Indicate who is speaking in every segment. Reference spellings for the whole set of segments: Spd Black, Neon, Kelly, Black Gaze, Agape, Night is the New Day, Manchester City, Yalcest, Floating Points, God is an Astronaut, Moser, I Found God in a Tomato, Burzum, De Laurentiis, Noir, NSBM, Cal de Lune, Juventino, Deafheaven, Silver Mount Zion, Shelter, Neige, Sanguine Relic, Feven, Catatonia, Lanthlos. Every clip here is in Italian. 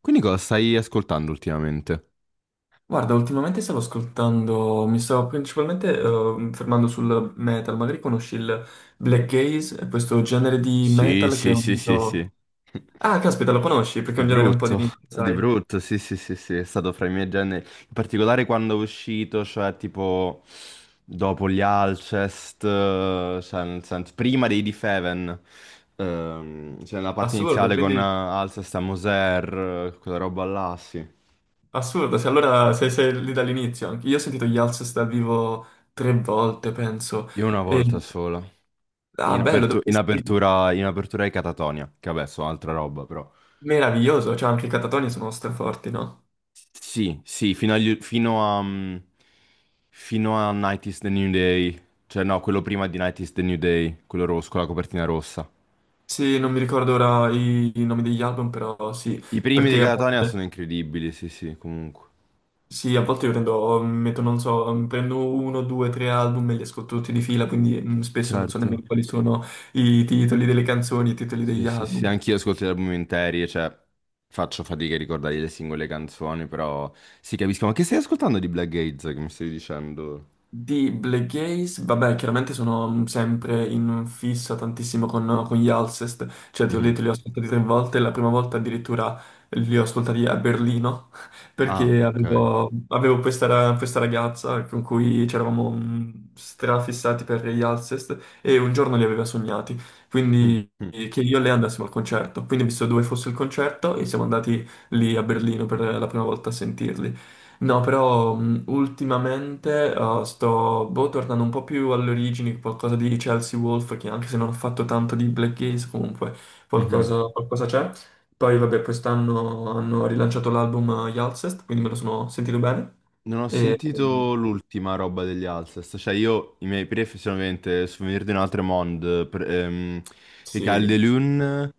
Speaker 1: Quindi cosa stai ascoltando ultimamente?
Speaker 2: Guarda, ultimamente stavo ascoltando, mi stavo principalmente fermando sul metal, magari conosci il black gaze, è questo genere di
Speaker 1: Sì,
Speaker 2: metal che è
Speaker 1: sì, sì, sì, sì.
Speaker 2: unito. Ah, caspita, lo conosci, perché è
Speaker 1: Di
Speaker 2: un genere un po' di
Speaker 1: brutto,
Speaker 2: nicchia,
Speaker 1: di
Speaker 2: sai?
Speaker 1: brutto, sì, sì, sì, sì, è stato fra i miei generi, in particolare quando è uscito, cioè tipo dopo gli Alcest, cioè, nel senso, prima dei Deafheaven, cioè nella parte
Speaker 2: Assurdo,
Speaker 1: iniziale con
Speaker 2: quindi
Speaker 1: Alcest a Moser, quella roba là, sì.
Speaker 2: assurdo, se allora sei lì dall'inizio anche. Io ho sentito gli Alcest dal vivo tre volte, penso.
Speaker 1: Io una volta
Speaker 2: E...
Speaker 1: sola,
Speaker 2: Ah, bello, dove li hai sentiti?
Speaker 1: in apertura ai Catatonia, che vabbè, so altra roba però.
Speaker 2: Meraviglioso, cioè anche i Catatonia sono straforti, no?
Speaker 1: Sì, sì, fino a, fino a Night is the New Day. Cioè, no, quello prima di Night is the New Day, quello rosso, con la copertina rossa.
Speaker 2: Sì, non mi ricordo ora i nomi degli album, però sì,
Speaker 1: I primi di
Speaker 2: perché a
Speaker 1: Catatonia
Speaker 2: volte...
Speaker 1: sono incredibili, sì, sì, comunque.
Speaker 2: Sì, a volte io prendo, metto, non so, prendo uno, due, tre album e li ascolto tutti di fila, quindi spesso non so nemmeno
Speaker 1: Certo.
Speaker 2: quali sono i titoli delle canzoni, i titoli
Speaker 1: Sì,
Speaker 2: degli
Speaker 1: sì, sì,
Speaker 2: album.
Speaker 1: anch'io ascolto gli album interi, cioè, faccio fatica a ricordare le singole canzoni, però sì, capisco. Ma che stai ascoltando di Black Gates, che mi stai dicendo?
Speaker 2: Di Black Gaze, vabbè, chiaramente sono sempre in fissa tantissimo con gli Alcest, cioè ti ho
Speaker 1: Mhm.
Speaker 2: detto li ho ascoltati tre volte, la prima volta addirittura li ho ascoltati a Berlino,
Speaker 1: Ah,
Speaker 2: perché
Speaker 1: ok.
Speaker 2: avevo questa ragazza con cui c'eravamo strafissati per gli Alcest e un giorno li aveva sognati,
Speaker 1: Mm.
Speaker 2: quindi
Speaker 1: Mm.
Speaker 2: che io e lei andassimo al concerto, quindi ho visto dove fosse il concerto e siamo andati lì a Berlino per la prima volta a sentirli. No, però ultimamente sto boh, tornando un po' più alle origini, qualcosa di Chelsea Wolf, che anche se non ho fatto tanto di Black Gaze, comunque
Speaker 1: Mhm.
Speaker 2: qualcosa c'è. Poi vabbè, quest'anno hanno rilanciato l'album Yalcest, quindi me lo sono sentito bene.
Speaker 1: Non ho
Speaker 2: E, mh,
Speaker 1: sentito l'ultima roba degli Alcest, cioè io i miei pref sono ovviamente Souvenir di un altro monde, i Cal de
Speaker 2: sì,
Speaker 1: Lune,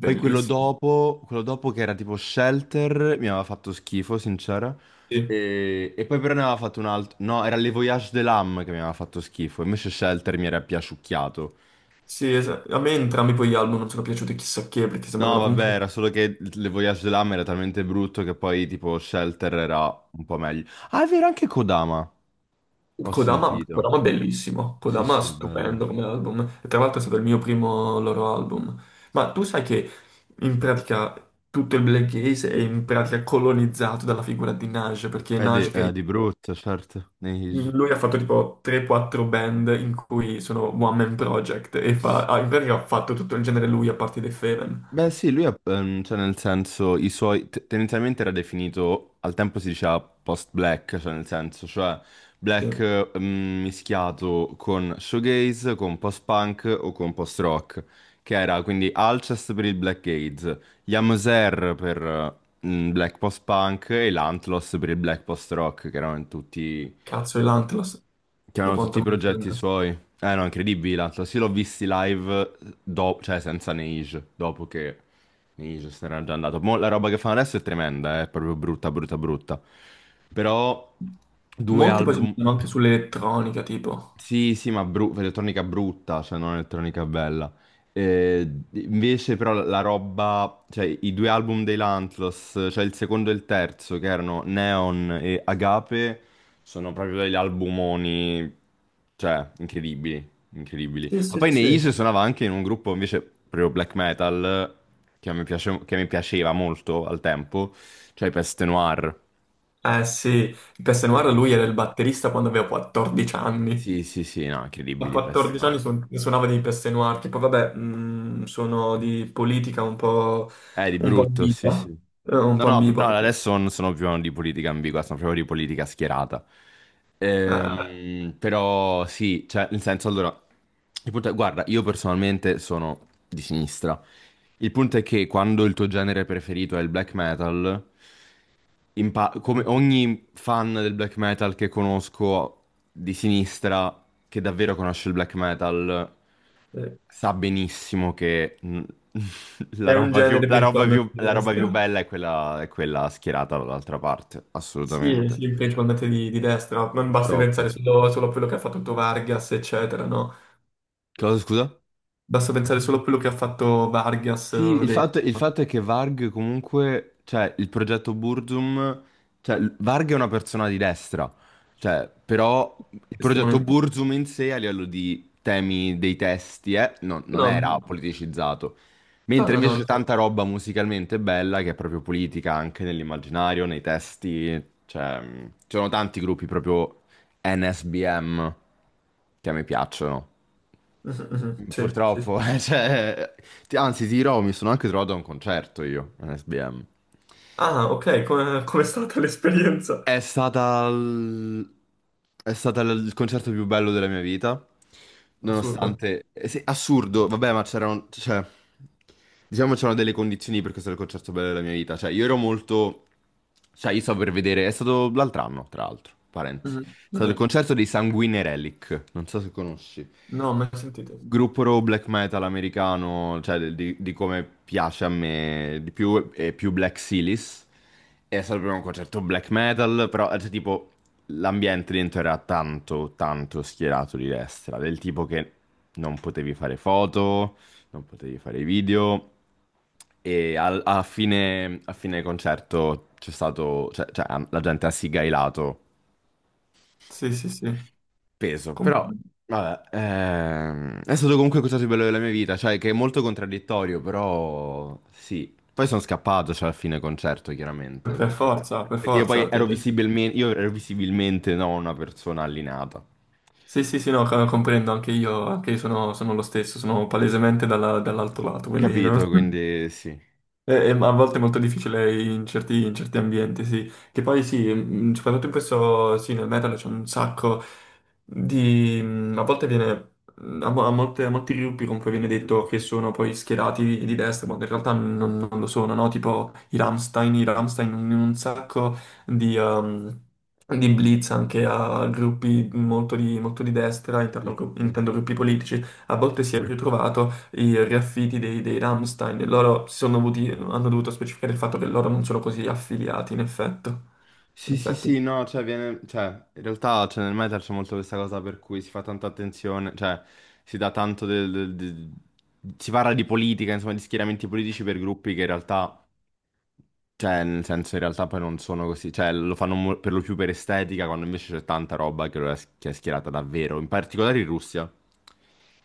Speaker 1: poi
Speaker 2: bellissimo.
Speaker 1: quello dopo che era tipo Shelter, mi aveva fatto schifo, sincera,
Speaker 2: Sì,
Speaker 1: e poi però ne aveva fatto un altro, no, era Le Voyage de l'Âme che mi aveva fatto schifo, invece Shelter mi era piaciucchiato.
Speaker 2: sì, a me entrambi poi gli album non sono piaciuti chissà che, perché
Speaker 1: No,
Speaker 2: sembravano
Speaker 1: vabbè, era
Speaker 2: comunque.
Speaker 1: solo che Le Voyage de l'Âme era talmente brutto che poi tipo Shelter era un po' meglio. Ah, è vero, anche Kodama, ho
Speaker 2: Kodama,
Speaker 1: sentito.
Speaker 2: Kodama è bellissimo,
Speaker 1: Sì,
Speaker 2: Kodama è
Speaker 1: sì, è bello.
Speaker 2: stupendo come album, e tra l'altro è stato il mio primo loro album. Ma tu sai che in pratica tutto il black gaze è in pratica colonizzato dalla figura di Nage, perché Nage
Speaker 1: È
Speaker 2: che
Speaker 1: di brutto, certo.
Speaker 2: lui ha fatto tipo 3-4 band in cui sono one man project e
Speaker 1: Sì.
Speaker 2: ah, in pratica ha fatto tutto il genere lui a parte dei Feven.
Speaker 1: Beh, sì, cioè nel senso, tendenzialmente era definito, al tempo si diceva post-black, cioè nel senso, cioè
Speaker 2: Cioè,
Speaker 1: black mischiato con shoegaze, con post-punk o con post-rock, che era quindi Alcest per il black gaze, Yamoser per black post-punk e l'Antlos per il black post-rock, che erano tutti
Speaker 2: cazzo, e l'Antlos, da
Speaker 1: Chiamano tutti
Speaker 2: quanto
Speaker 1: i
Speaker 2: mi
Speaker 1: progetti
Speaker 2: sento.
Speaker 1: suoi. Eh no, incredibili l'altro. Sì, l'ho visti live, cioè senza Neige, dopo che Neige se n'era già andato. Mo, la roba che fanno adesso è tremenda, è proprio brutta, brutta, brutta. Però due
Speaker 2: Molti poi si
Speaker 1: album.
Speaker 2: mettono anche sull'elettronica, tipo.
Speaker 1: Sì, sì, elettronica brutta, cioè non elettronica bella. Eh, invece però la roba, cioè i due album dei Lanthlos, cioè il secondo e il terzo, che erano Neon e Agape, sono proprio degli albumoni, cioè, incredibili, incredibili.
Speaker 2: Sì,
Speaker 1: Ma
Speaker 2: sì,
Speaker 1: poi Neige
Speaker 2: sì.
Speaker 1: suonava anche in un gruppo invece proprio black metal, che mi piaceva molto al tempo, cioè i Peste Noir.
Speaker 2: Eh sì, Noir lui era
Speaker 1: Incredibili.
Speaker 2: il batterista quando aveva 14 anni.
Speaker 1: Sì, sì, sì, no,
Speaker 2: A
Speaker 1: incredibili i Peste
Speaker 2: 14 anni
Speaker 1: Noir.
Speaker 2: suonava dei Noir, tipo vabbè, sono di politica un po',
Speaker 1: Di
Speaker 2: un po'
Speaker 1: brutto, sì, sì.
Speaker 2: ambigua, un
Speaker 1: No,
Speaker 2: po'
Speaker 1: no, pr-
Speaker 2: ambigua.
Speaker 1: no, adesso non sono più di politica ambigua, sono proprio di politica schierata.
Speaker 2: Eh,
Speaker 1: Però sì, cioè, nel senso, allora, il punto è, guarda, io personalmente sono di sinistra. Il punto è che quando il tuo genere preferito è il black metal, come ogni fan del black metal che conosco di sinistra, che davvero conosce il black metal,
Speaker 2: eh,
Speaker 1: sa benissimo che
Speaker 2: è un genere principalmente di
Speaker 1: la roba più
Speaker 2: destra.
Speaker 1: bella è quella schierata dall'altra parte,
Speaker 2: Sì,
Speaker 1: assolutamente.
Speaker 2: sì, principalmente di destra. Non basti pensare
Speaker 1: Purtroppo.
Speaker 2: solo a quello che ha fatto Vargas, eccetera, no?
Speaker 1: Cosa, scusa?
Speaker 2: Basta pensare solo a quello che ha fatto Vargas
Speaker 1: Sì, il fatto è che Varg comunque, cioè il progetto Burzum, Varg è una persona di destra, cioè però il progetto
Speaker 2: estremamente.
Speaker 1: Burzum in sé a livello di temi dei testi non
Speaker 2: No,
Speaker 1: era
Speaker 2: no,
Speaker 1: politicizzato,
Speaker 2: no,
Speaker 1: mentre
Speaker 2: no.
Speaker 1: invece c'è
Speaker 2: No.
Speaker 1: tanta roba musicalmente bella che è proprio politica anche nell'immaginario, nei testi, cioè ci sono tanti gruppi proprio NSBM che a me piacciono.
Speaker 2: Mhm, mhm. Sì, sì, sì.
Speaker 1: Purtroppo, cioè, anzi, ti dirò, mi sono anche trovato a un concerto io, un SBM.
Speaker 2: Ah, ok, come com'è stata l'esperienza?
Speaker 1: È stata l- il concerto più bello della mia vita,
Speaker 2: Assurdo.
Speaker 1: nonostante... sì, assurdo, vabbè, ma c'erano... Cioè, diciamo c'erano delle condizioni per questo è il concerto bello della mia vita. Cioè, io ero molto... Cioè, io stavo per vedere... È stato l'altro anno, tra l'altro, parenti.
Speaker 2: Mhm,
Speaker 1: È
Speaker 2: ok.
Speaker 1: stato il concerto dei Sanguine Relic, non so se conosci.
Speaker 2: No, mai sentito.
Speaker 1: Gruppo black metal americano, di come piace a me di più, è più Black Silis. È stato proprio un concerto black metal, però cioè, tipo l'ambiente dentro era tanto, tanto schierato di destra, del tipo che non potevi fare foto, non potevi fare video. A fine concerto c'è stato, la gente ha sigailato
Speaker 2: Sì, sì, sì.
Speaker 1: peso,
Speaker 2: Com-
Speaker 1: però vabbè, è stato comunque il cosa più bello della mia vita, cioè che è molto contraddittorio, però sì. Poi sono scappato, cioè, alla fine concerto, chiaramente,
Speaker 2: Per forza, per
Speaker 1: perché io poi
Speaker 2: forza.
Speaker 1: ero visibilmente, io ero visibilmente no, una persona allineata,
Speaker 2: Sì, sì, sì, no, comprendo, anche io sono lo stesso, sono palesemente dall'altro lato, quindi no.
Speaker 1: capito? Quindi sì.
Speaker 2: Ma a volte è molto difficile in certi ambienti, sì. Che poi sì, soprattutto in questo, sì, nel metal c'è un sacco di. Mm, A, mo- a molte- a molti gruppi comunque viene detto che sono poi schierati di destra, ma in realtà non lo sono, no? Tipo i Rammstein in un sacco di, ehm, di blitz anche a gruppi molto di destra,
Speaker 1: Sì,
Speaker 2: intendo,
Speaker 1: sì,
Speaker 2: intendo gruppi politici, a volte si è ritrovato i riaffitti dei Rammstein. Loro hanno dovuto specificare il fatto che loro non sono così affiliati, in effetto. In
Speaker 1: sì, sì,
Speaker 2: effetti.
Speaker 1: sì, no, cioè, viene, cioè, in realtà cioè, nel metal c'è molto questa cosa per cui si fa tanta attenzione, cioè, si dà tanto del, del- del- si parla di politica, insomma, di schieramenti politici per gruppi che in realtà Cioè, nel senso, in realtà poi non sono così, cioè, per lo più per estetica, quando invece c'è tanta roba che, lo è, che è schierata davvero, in particolare in Russia.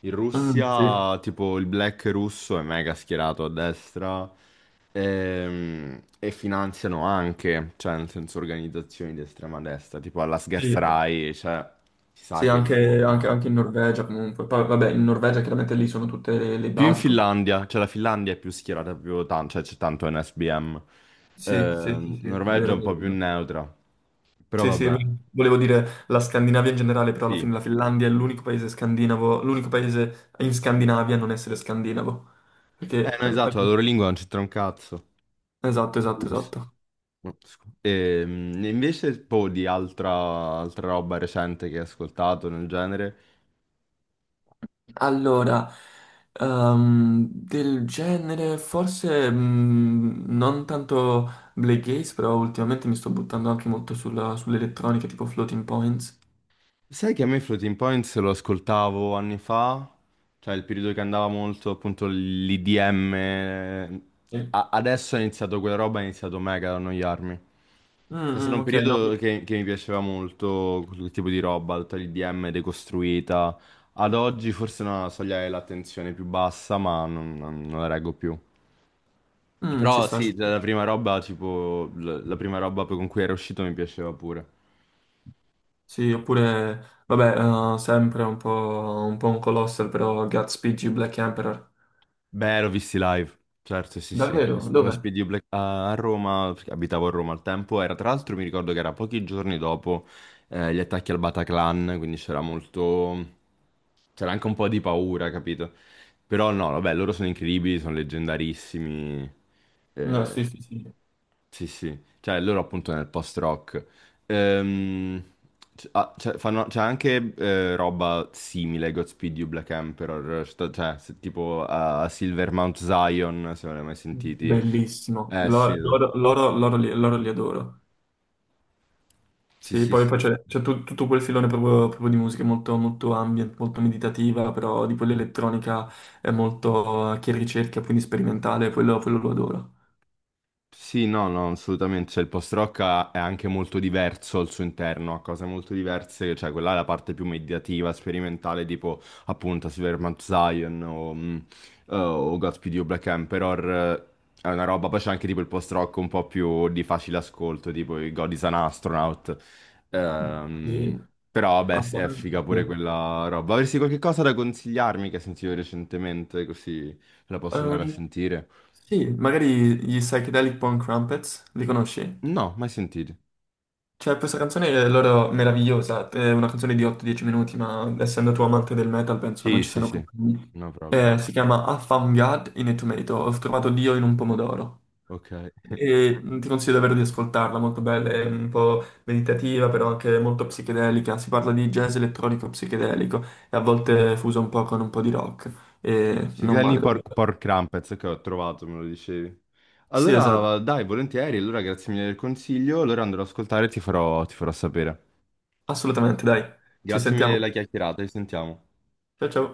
Speaker 1: In
Speaker 2: Mm, sì,
Speaker 1: Russia, tipo, il black russo è mega schierato a destra e, finanziano anche, cioè, nel senso, organizzazioni di estrema destra, tipo alla
Speaker 2: sì.
Speaker 1: Sgerzarai, cioè, si sa
Speaker 2: Sì,
Speaker 1: che i
Speaker 2: anche,
Speaker 1: fondi
Speaker 2: anche-
Speaker 1: vanno.
Speaker 2: anche in Norvegia comunque. Poi, vabbè, in Norvegia chiaramente lì sono tutte le
Speaker 1: Più in
Speaker 2: basi proprio.
Speaker 1: Finlandia, cioè la Finlandia è più schierata, più tanto, cioè c'è tanto NSBM.
Speaker 2: Sì, sì, sì, sì, è
Speaker 1: Norvegia
Speaker 2: vero,
Speaker 1: è
Speaker 2: è
Speaker 1: un po'
Speaker 2: vero. È
Speaker 1: più
Speaker 2: vero.
Speaker 1: neutra. Però
Speaker 2: Sì, sì,
Speaker 1: vabbè,
Speaker 2: volevo dire la Scandinavia in generale, però alla
Speaker 1: sì.
Speaker 2: fine la Finlandia è l'unico paese scandinavo, l'unico paese in Scandinavia a non essere scandinavo.
Speaker 1: Eh
Speaker 2: Perché...
Speaker 1: no,
Speaker 2: eh,
Speaker 1: esatto, la
Speaker 2: eh,
Speaker 1: loro lingua non c'entra un cazzo.
Speaker 2: Esatto, esatto,
Speaker 1: Ups.
Speaker 2: esatto.
Speaker 1: No, scu- E, invece, poi di altra, altra roba recente che hai ascoltato nel genere,
Speaker 2: Allora, del genere forse non tanto Black Gaze, però ultimamente mi sto buttando anche molto sull'elettronica tipo Floating Points.
Speaker 1: sai che a me Floating Points lo ascoltavo anni fa, cioè il periodo che andava molto appunto l'IDM,
Speaker 2: Sì. Mm,
Speaker 1: adesso è iniziato quella roba, è iniziato mega ad annoiarmi. È stato
Speaker 2: mm,
Speaker 1: un
Speaker 2: ok, no,
Speaker 1: periodo che mi piaceva molto quel tipo di roba, tutta l'IDM decostruita. Ad oggi forse è una soglia dell'attenzione più bassa, ma non la reggo più.
Speaker 2: ci
Speaker 1: Però
Speaker 2: sta, ci
Speaker 1: sì, la
Speaker 2: sta.
Speaker 1: la prima roba, tipo, la prima roba con cui era uscito mi piaceva pure.
Speaker 2: Sì, oppure, vabbè, sempre un po' un colossal, però Gatsby G Black Emperor.
Speaker 1: Beh, l'ho visti live, certo, sì, sì.
Speaker 2: Davvero?
Speaker 1: Lo
Speaker 2: Dov'è?
Speaker 1: Spd Black a a Roma, perché abitavo a Roma al tempo, era tra l'altro mi ricordo che era pochi giorni dopo gli attacchi al Bataclan, quindi c'era molto, c'era anche un po' di paura, capito? Però no, vabbè, loro sono incredibili, sono leggendarissimi,
Speaker 2: No,
Speaker 1: eh,
Speaker 2: sì, sì, sì.
Speaker 1: sì, sì, cioè loro appunto nel post-rock. Ehm, c'è c'è anche roba simile, Godspeed You Black Emperor, tipo a, a Silver Mount Zion, se non l'hai mai sentiti.
Speaker 2: Bellissimo.
Speaker 1: Eh sì,
Speaker 2: Loro li adoro.
Speaker 1: sì,
Speaker 2: Sì,
Speaker 1: sì,
Speaker 2: poi
Speaker 1: sì.
Speaker 2: poi tutto quel filone proprio, di musica molto, molto ambient, molto meditativa, però di quella elettronica è molto che ricerca, quindi sperimentale, quello lo adoro.
Speaker 1: Sì, no, no, assolutamente. Cioè, è anche molto diverso al suo interno, ha cose molto diverse, cioè quella è la parte più mediativa, sperimentale, tipo appunto Silvermount Zion o Godspeed You Black Emperor. Eh, è una roba, poi c'è anche tipo il post-rock un po' più di facile ascolto, tipo i God is an Astronaut.
Speaker 2: Sì.
Speaker 1: Ehm, però vabbè,
Speaker 2: Ah,
Speaker 1: sì, è figa pure
Speaker 2: sì.
Speaker 1: quella roba. Avresti qualche cosa da consigliarmi che hai sentito recentemente, così la posso andare a
Speaker 2: Ehm,
Speaker 1: sentire?
Speaker 2: sì, magari gli Psychedelic Punk Crumpets, li conosci?
Speaker 1: No, mai sentito.
Speaker 2: Cioè, questa canzone è loro meravigliosa, è una canzone di 8-10 minuti, ma essendo tu amante del metal penso
Speaker 1: Sì,
Speaker 2: non ci
Speaker 1: sì,
Speaker 2: siano
Speaker 1: sì,
Speaker 2: problemi.
Speaker 1: no problem.
Speaker 2: Si chiama I Found God in a Tomato, ho trovato Dio in un pomodoro.
Speaker 1: Ok.
Speaker 2: E ti consiglio davvero di ascoltarla, molto bella, è un po' meditativa, però anche molto psichedelica. Si parla di jazz elettronico psichedelico e a volte fuso un po' con un po' di rock. E non
Speaker 1: Ciclini
Speaker 2: male, davvero.
Speaker 1: pork, pork crumpets, che ho trovato, me lo dicevi.
Speaker 2: Sì, esatto,
Speaker 1: Allora, dai, volentieri, allora grazie mille del consiglio, allora andrò ad ascoltare ti farò sapere.
Speaker 2: assolutamente, dai, ci
Speaker 1: Grazie mille
Speaker 2: sentiamo.
Speaker 1: della chiacchierata, ci sentiamo.
Speaker 2: Ciao ciao.